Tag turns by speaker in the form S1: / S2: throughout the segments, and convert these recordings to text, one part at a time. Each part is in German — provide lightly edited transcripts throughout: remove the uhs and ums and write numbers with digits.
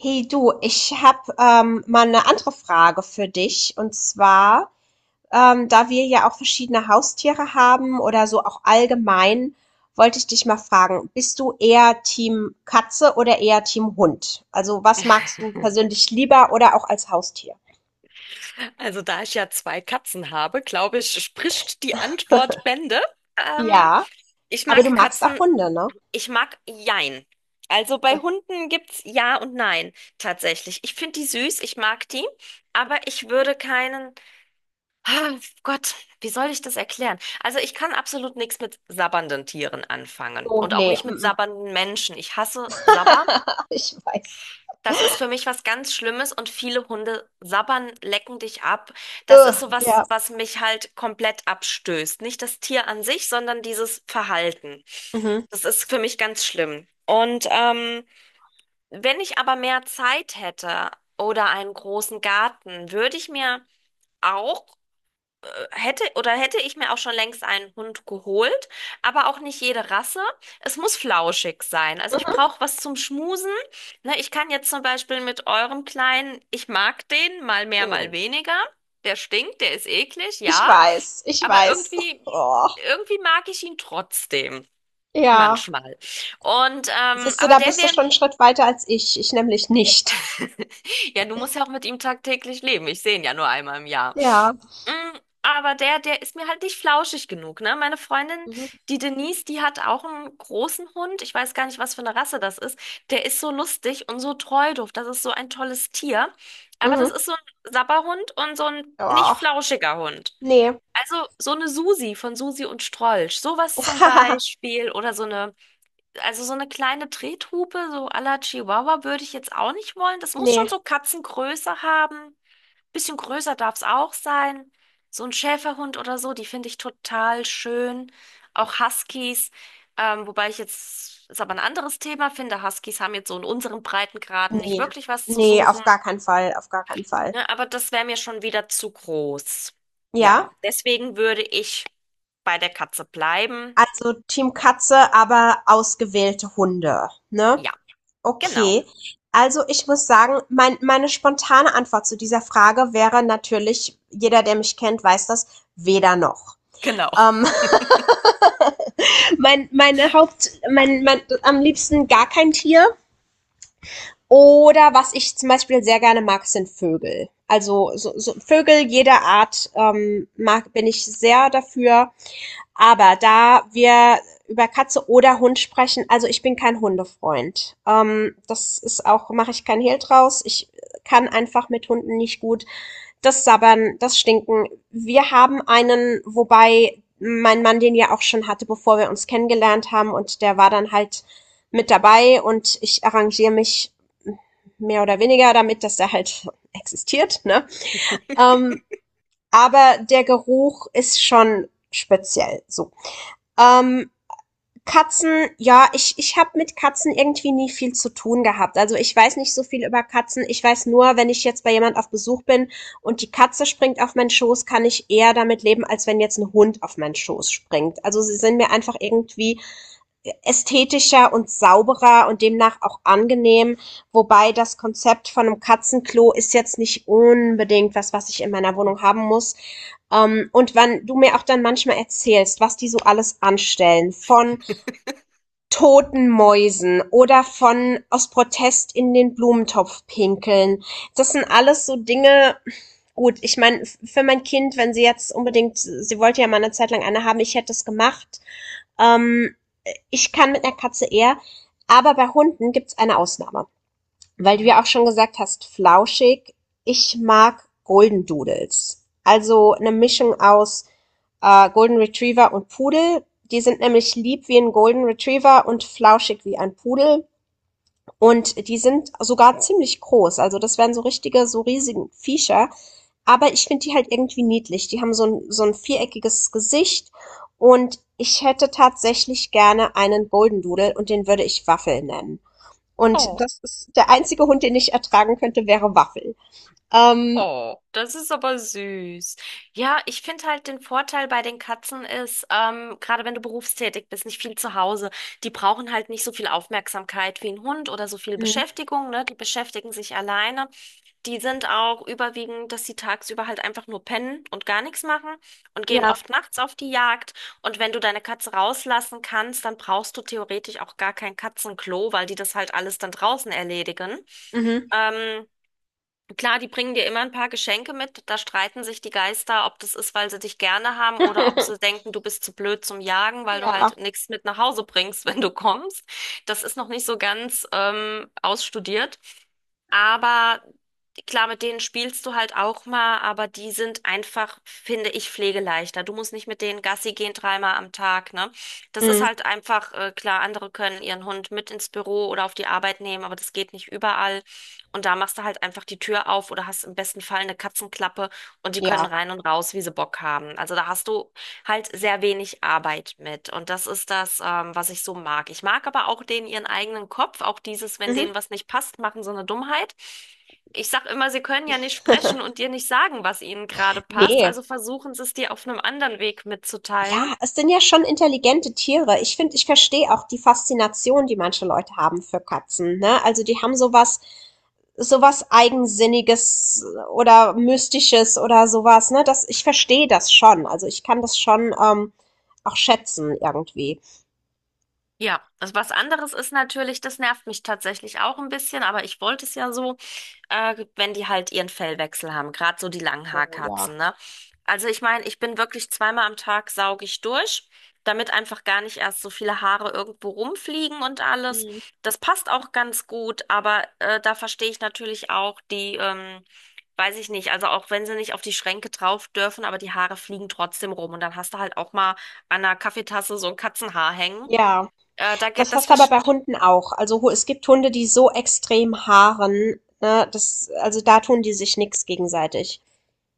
S1: Hey du, ich habe mal eine andere Frage für dich. Und zwar, da wir ja auch verschiedene Haustiere haben oder so auch allgemein, wollte ich dich mal fragen, bist du eher Team Katze oder eher Team Hund? Also was magst du persönlich lieber oder auch als Haustier?
S2: Also da ich ja zwei Katzen habe, glaube ich, spricht die Antwort Bände. Ähm,
S1: Ja,
S2: Ich
S1: aber du
S2: mag
S1: magst auch
S2: Katzen,
S1: Hunde, ne?
S2: ich mag Jein. Also bei Hunden gibt's Ja und Nein tatsächlich. Ich finde die süß, ich mag die, aber ich würde keinen. Ah, Gott, wie soll ich das erklären? Also ich kann absolut nichts mit sabbernden Tieren anfangen
S1: Oh,
S2: und auch
S1: nee,
S2: nicht
S1: mm,
S2: mit
S1: mm.
S2: sabbernden Menschen. Ich hasse Sabber.
S1: Ich weiß.
S2: Das ist für mich was ganz Schlimmes, und viele Hunde sabbern, lecken dich ab. Das ist
S1: Ugh,
S2: so
S1: ja.
S2: was, was mich halt komplett abstößt. Nicht das Tier an sich, sondern dieses Verhalten.
S1: Mhm.
S2: Das ist für mich ganz schlimm. Und wenn ich aber mehr Zeit hätte oder einen großen Garten, würde ich mir auch hätte oder hätte ich mir auch schon längst einen Hund geholt, aber auch nicht jede Rasse. Es muss flauschig sein. Also ich brauche was zum Schmusen. Ne, ich kann jetzt zum Beispiel mit eurem Kleinen, ich mag den, mal mehr, mal
S1: Mhm.
S2: weniger. Der stinkt, der ist eklig,
S1: Ich
S2: ja.
S1: weiß, ich
S2: Aber
S1: weiß.
S2: irgendwie,
S1: Oh,
S2: irgendwie mag ich ihn trotzdem.
S1: ja.
S2: Manchmal. Und,
S1: Siehst du,
S2: aber
S1: da
S2: der
S1: bist du
S2: wäre,
S1: schon einen Schritt weiter als ich. Ich nämlich nicht.
S2: ja, du musst ja auch mit ihm tagtäglich leben. Ich sehe ihn ja nur einmal im Jahr.
S1: Ja.
S2: Mm, Aber der ist mir halt nicht flauschig genug, ne? Meine Freundin,
S1: Mhm.
S2: die Denise, die hat auch einen großen Hund. Ich weiß gar nicht, was für eine Rasse das ist. Der ist so lustig und so treudof. Das ist so ein tolles Tier. Aber das
S1: Mhm.
S2: ist so ein Sabberhund und so ein nicht
S1: Ja.
S2: flauschiger Hund.
S1: Nee.
S2: Also so eine Susi von Susi und Strolch. Sowas zum Beispiel. Oder so eine, also so eine kleine Trethupe, so à la Chihuahua würde ich jetzt auch nicht wollen. Das muss schon
S1: Nee.
S2: so Katzengröße haben, bisschen größer darf es auch sein. So ein Schäferhund oder so, die finde ich total schön. Auch Huskies, wobei ich jetzt, ist aber ein anderes Thema, finde, Huskies haben jetzt so in unseren Breitengraden nicht
S1: Nee.
S2: wirklich was zu
S1: Nee, auf
S2: suchen.
S1: gar keinen Fall. Auf gar keinen Fall.
S2: Ne, aber das wäre mir schon wieder zu groß.
S1: Ja.
S2: Ja, deswegen würde ich bei der Katze bleiben.
S1: Also Team Katze, aber ausgewählte Hunde. Ne?
S2: Ja, genau,
S1: Okay. Also ich muss sagen, meine spontane Antwort zu dieser Frage wäre natürlich, jeder, der mich kennt, weiß das, weder noch.
S2: genau.
S1: Ähm, mein, meine Haupt, mein, am liebsten gar kein Tier. Oder was ich zum Beispiel sehr gerne mag, sind Vögel. Also so Vögel jeder Art mag, bin ich sehr dafür. Aber da wir über Katze oder Hund sprechen, also ich bin kein Hundefreund. Das ist auch, mache ich kein Hehl draus. Ich kann einfach mit Hunden nicht gut das Sabbern, das Stinken. Wir haben einen, wobei mein Mann den ja auch schon hatte, bevor wir uns kennengelernt haben und der war dann halt mit dabei und ich arrangiere mich mehr oder weniger damit, dass der halt existiert, ne? Ähm, aber der Geruch ist schon speziell so. Ähm, Katzen, ja, ich habe mit Katzen irgendwie nie viel zu tun gehabt. Also ich weiß nicht so viel über Katzen. Ich weiß nur, wenn ich jetzt bei jemand auf Besuch bin und die Katze springt auf meinen Schoß, kann ich eher damit leben, als wenn jetzt ein Hund auf meinen Schoß springt. Also sie sind mir einfach irgendwie ästhetischer und sauberer und demnach auch angenehm. Wobei das Konzept von einem Katzenklo ist jetzt nicht unbedingt was, was ich in meiner Wohnung haben muss. Und wenn du mir auch dann manchmal erzählst, was die so alles anstellen, von toten Mäusen oder von aus Protest in den Blumentopf pinkeln. Das sind alles so Dinge, gut, ich meine, für mein Kind, wenn sie jetzt unbedingt, sie wollte ja mal eine Zeit lang eine haben, ich hätte es gemacht. Ähm, ich kann mit einer Katze eher, aber bei Hunden gibt's eine Ausnahme. Weil du
S2: Mhm.
S1: ja auch schon gesagt hast, flauschig. Ich mag Golden Doodles. Also eine Mischung aus Golden Retriever und Pudel. Die sind nämlich lieb wie ein Golden Retriever und flauschig wie ein Pudel. Und die sind sogar ziemlich groß. Also das wären so richtige, so riesige Viecher. Aber ich finde die halt irgendwie niedlich. Die haben so ein viereckiges Gesicht. Und ich hätte tatsächlich gerne einen Golden Doodle und den würde ich Waffel nennen. Und
S2: Oh.
S1: das ist der einzige Hund, den ich ertragen könnte, wäre Waffel. Ähm,
S2: Oh, das ist aber süß. Ja, ich finde halt, den Vorteil bei den Katzen ist, gerade wenn du berufstätig bist, nicht viel zu Hause, die brauchen halt nicht so viel Aufmerksamkeit wie ein Hund oder so viel
S1: Mhm.
S2: Beschäftigung, ne? Die beschäftigen sich alleine. Die sind auch überwiegend, dass sie tagsüber halt einfach nur pennen und gar nichts machen und gehen
S1: Ja.
S2: oft nachts auf die Jagd. Und wenn du deine Katze rauslassen kannst, dann brauchst du theoretisch auch gar kein Katzenklo, weil die das halt alles dann draußen erledigen.
S1: Mhm.
S2: Ähm, Klar, die bringen dir immer ein paar Geschenke mit. Da streiten sich die Geister, ob das ist, weil sie dich gerne haben, oder ob sie denken, du bist zu blöd zum Jagen, weil du
S1: Ja.
S2: halt nichts mit nach Hause bringst, wenn du kommst. Das ist noch nicht so ganz ausstudiert. Aber klar, mit denen spielst du halt auch mal, aber die sind einfach, finde ich, pflegeleichter. Du musst nicht mit denen Gassi gehen dreimal am Tag, ne? Das ist
S1: Mhm.
S2: halt einfach, klar, andere können ihren Hund mit ins Büro oder auf die Arbeit nehmen, aber das geht nicht überall. Und da machst du halt einfach die Tür auf oder hast im besten Fall eine Katzenklappe, und die können
S1: Ja.
S2: rein und raus, wie sie Bock haben. Also da hast du halt sehr wenig Arbeit mit. Und das ist das, was ich so mag. Ich mag aber auch denen ihren eigenen Kopf, auch dieses, wenn
S1: Mhm.
S2: denen was nicht passt, machen so eine Dummheit. Ich sag immer, sie können ja nicht sprechen und dir nicht sagen, was ihnen gerade passt,
S1: Nee.
S2: also versuchen sie es dir auf einem anderen Weg
S1: Ja,
S2: mitzuteilen.
S1: es sind ja schon intelligente Tiere. Ich finde, ich verstehe auch die Faszination, die manche Leute haben für Katzen, ne? Also die haben sowas, sowas Eigensinniges oder Mystisches oder sowas, ne? Ich verstehe das schon. Also ich kann das schon auch schätzen irgendwie.
S2: Ja, das was anderes ist natürlich, das nervt mich tatsächlich auch ein bisschen, aber ich wollte es ja so, wenn die halt ihren Fellwechsel haben, gerade so die
S1: Oh ja.
S2: Langhaarkatzen, ne? Also ich meine, ich bin wirklich, zweimal am Tag sauge ich durch, damit einfach gar nicht erst so viele Haare irgendwo rumfliegen und alles.
S1: Mhm.
S2: Das passt auch ganz gut, aber da verstehe ich natürlich auch die, weiß ich nicht, also auch wenn sie nicht auf die Schränke drauf dürfen, aber die Haare fliegen trotzdem rum, und dann hast du halt auch mal an einer Kaffeetasse so ein Katzenhaar hängen.
S1: Ja.
S2: Da, ge-
S1: Das
S2: das
S1: hast du aber
S2: verst-
S1: bei Hunden auch. Also es gibt Hunde, die so extrem haaren, ne, das, also da tun die sich nix gegenseitig.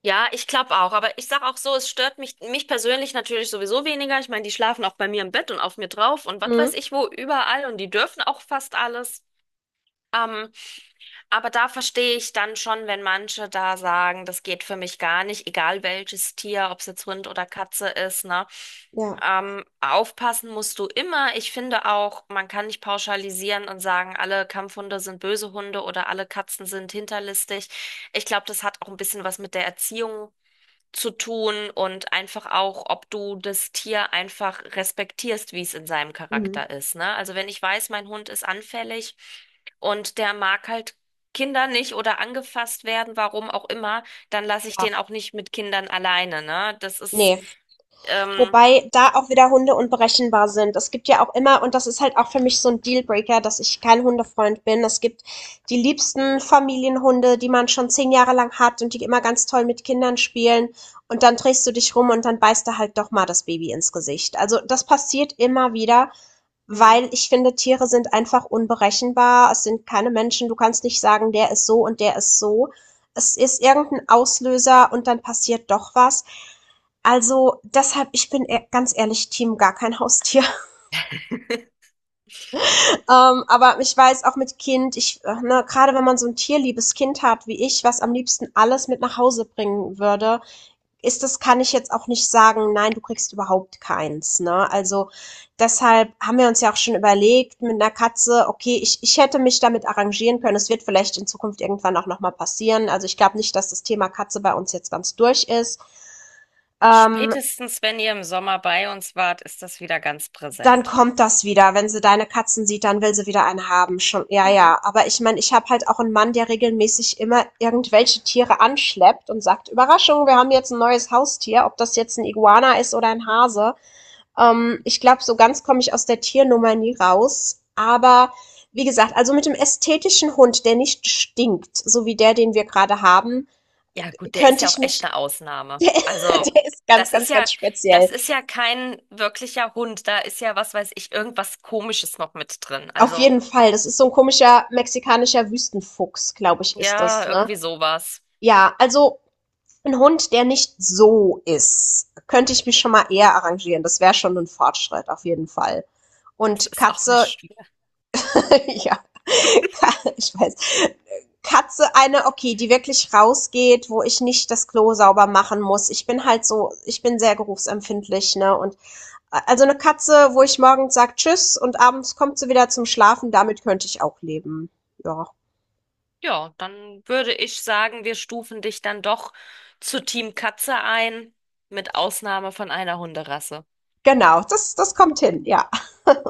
S2: ja, ich glaube auch, aber ich sag auch so, es stört mich, mich persönlich natürlich sowieso weniger. Ich meine, die schlafen auch bei mir im Bett und auf mir drauf und was weiß
S1: Mhm.
S2: ich wo, überall, und die dürfen auch fast alles. Ähm, Aber da verstehe ich dann schon, wenn manche da sagen, das geht für mich gar nicht, egal welches Tier, ob es jetzt Hund oder Katze ist, ne?
S1: Ja.
S2: Aufpassen musst du immer. Ich finde auch, man kann nicht pauschalisieren und sagen, alle Kampfhunde sind böse Hunde oder alle Katzen sind hinterlistig. Ich glaube, das hat auch ein bisschen was mit der Erziehung zu tun und einfach auch, ob du das Tier einfach respektierst, wie es in seinem
S1: Mhm.
S2: Charakter ist, ne? Also wenn ich weiß, mein Hund ist anfällig und der mag halt Kinder nicht oder angefasst werden, warum auch immer, dann lasse ich
S1: Ja.
S2: den auch nicht mit Kindern alleine, ne? Das ist,
S1: Nee.
S2: ähm,
S1: Wobei da auch wieder Hunde unberechenbar sind. Es gibt ja auch immer, und das ist halt auch für mich so ein Dealbreaker, dass ich kein Hundefreund bin. Es gibt die liebsten Familienhunde, die man schon 10 Jahre lang hat und die immer ganz toll mit Kindern spielen. Und dann drehst du dich rum und dann beißt er halt doch mal das Baby ins Gesicht. Also das passiert immer wieder.
S2: Mhm.
S1: Weil ich finde, Tiere sind einfach unberechenbar. Es sind keine Menschen. Du kannst nicht sagen, der ist so und der ist so. Es ist irgendein Auslöser und dann passiert doch was. Also deshalb, ich bin ganz ehrlich, Team gar kein Haustier. Aber ich weiß auch mit Kind, ich, ne, gerade wenn man so ein tierliebes Kind hat wie ich, was am liebsten alles mit nach Hause bringen würde, ist das, kann ich jetzt auch nicht sagen, nein, du kriegst überhaupt keins. Ne? Also deshalb haben wir uns ja auch schon überlegt mit einer Katze, okay, ich hätte mich damit arrangieren können. Es wird vielleicht in Zukunft irgendwann auch nochmal passieren. Also ich glaube nicht, dass das Thema Katze bei uns jetzt ganz durch ist. Ähm,
S2: Spätestens wenn ihr im Sommer bei uns wart, ist das wieder ganz
S1: dann
S2: präsent.
S1: kommt das wieder. Wenn sie deine Katzen sieht, dann will sie wieder eine haben. Schon, ja,
S2: Mhm.
S1: ja. Aber ich meine, ich habe halt auch einen Mann, der regelmäßig immer irgendwelche Tiere anschleppt und sagt, Überraschung, wir haben jetzt ein neues Haustier, ob das jetzt ein Iguana ist oder ein Hase. Ich glaube, so ganz komme ich aus der Tiernummer nie raus. Aber wie gesagt, also mit dem ästhetischen Hund, der nicht stinkt, so wie der, den wir gerade haben,
S2: Ja, gut, der ist
S1: könnte
S2: ja
S1: ich
S2: auch echt
S1: mich.
S2: eine Ausnahme.
S1: Der,
S2: Also,
S1: der ist ganz,
S2: das ist
S1: ganz,
S2: ja,
S1: ganz speziell.
S2: das ist ja kein wirklicher Hund. Da ist ja, was weiß ich, irgendwas Komisches noch mit drin.
S1: Auf
S2: Also,
S1: jeden Fall. Das ist so ein komischer mexikanischer Wüstenfuchs, glaube ich, ist das,
S2: ja,
S1: ne?
S2: irgendwie sowas.
S1: Ja, also ein Hund, der nicht so ist, könnte ich mich schon mal eher arrangieren. Das wäre schon ein Fortschritt, auf jeden Fall.
S2: Es
S1: Und
S2: ist auch
S1: Katze,
S2: nicht.
S1: Ja, ich weiß. Katze eine, okay, die wirklich rausgeht, wo ich nicht das Klo sauber machen muss. Ich bin halt so, ich bin sehr geruchsempfindlich, ne? Und also eine Katze, wo ich morgens sag Tschüss und abends kommt sie wieder zum Schlafen, damit könnte ich auch leben. Ja.
S2: Ja, dann würde ich sagen, wir stufen dich dann doch zu Team Katze ein, mit Ausnahme von einer Hunderasse.
S1: Genau, das kommt hin, ja.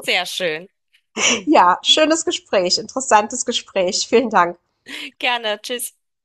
S2: Sehr schön.
S1: Ja, schönes Gespräch, interessantes Gespräch. Vielen Dank.
S2: Gerne, tschüss.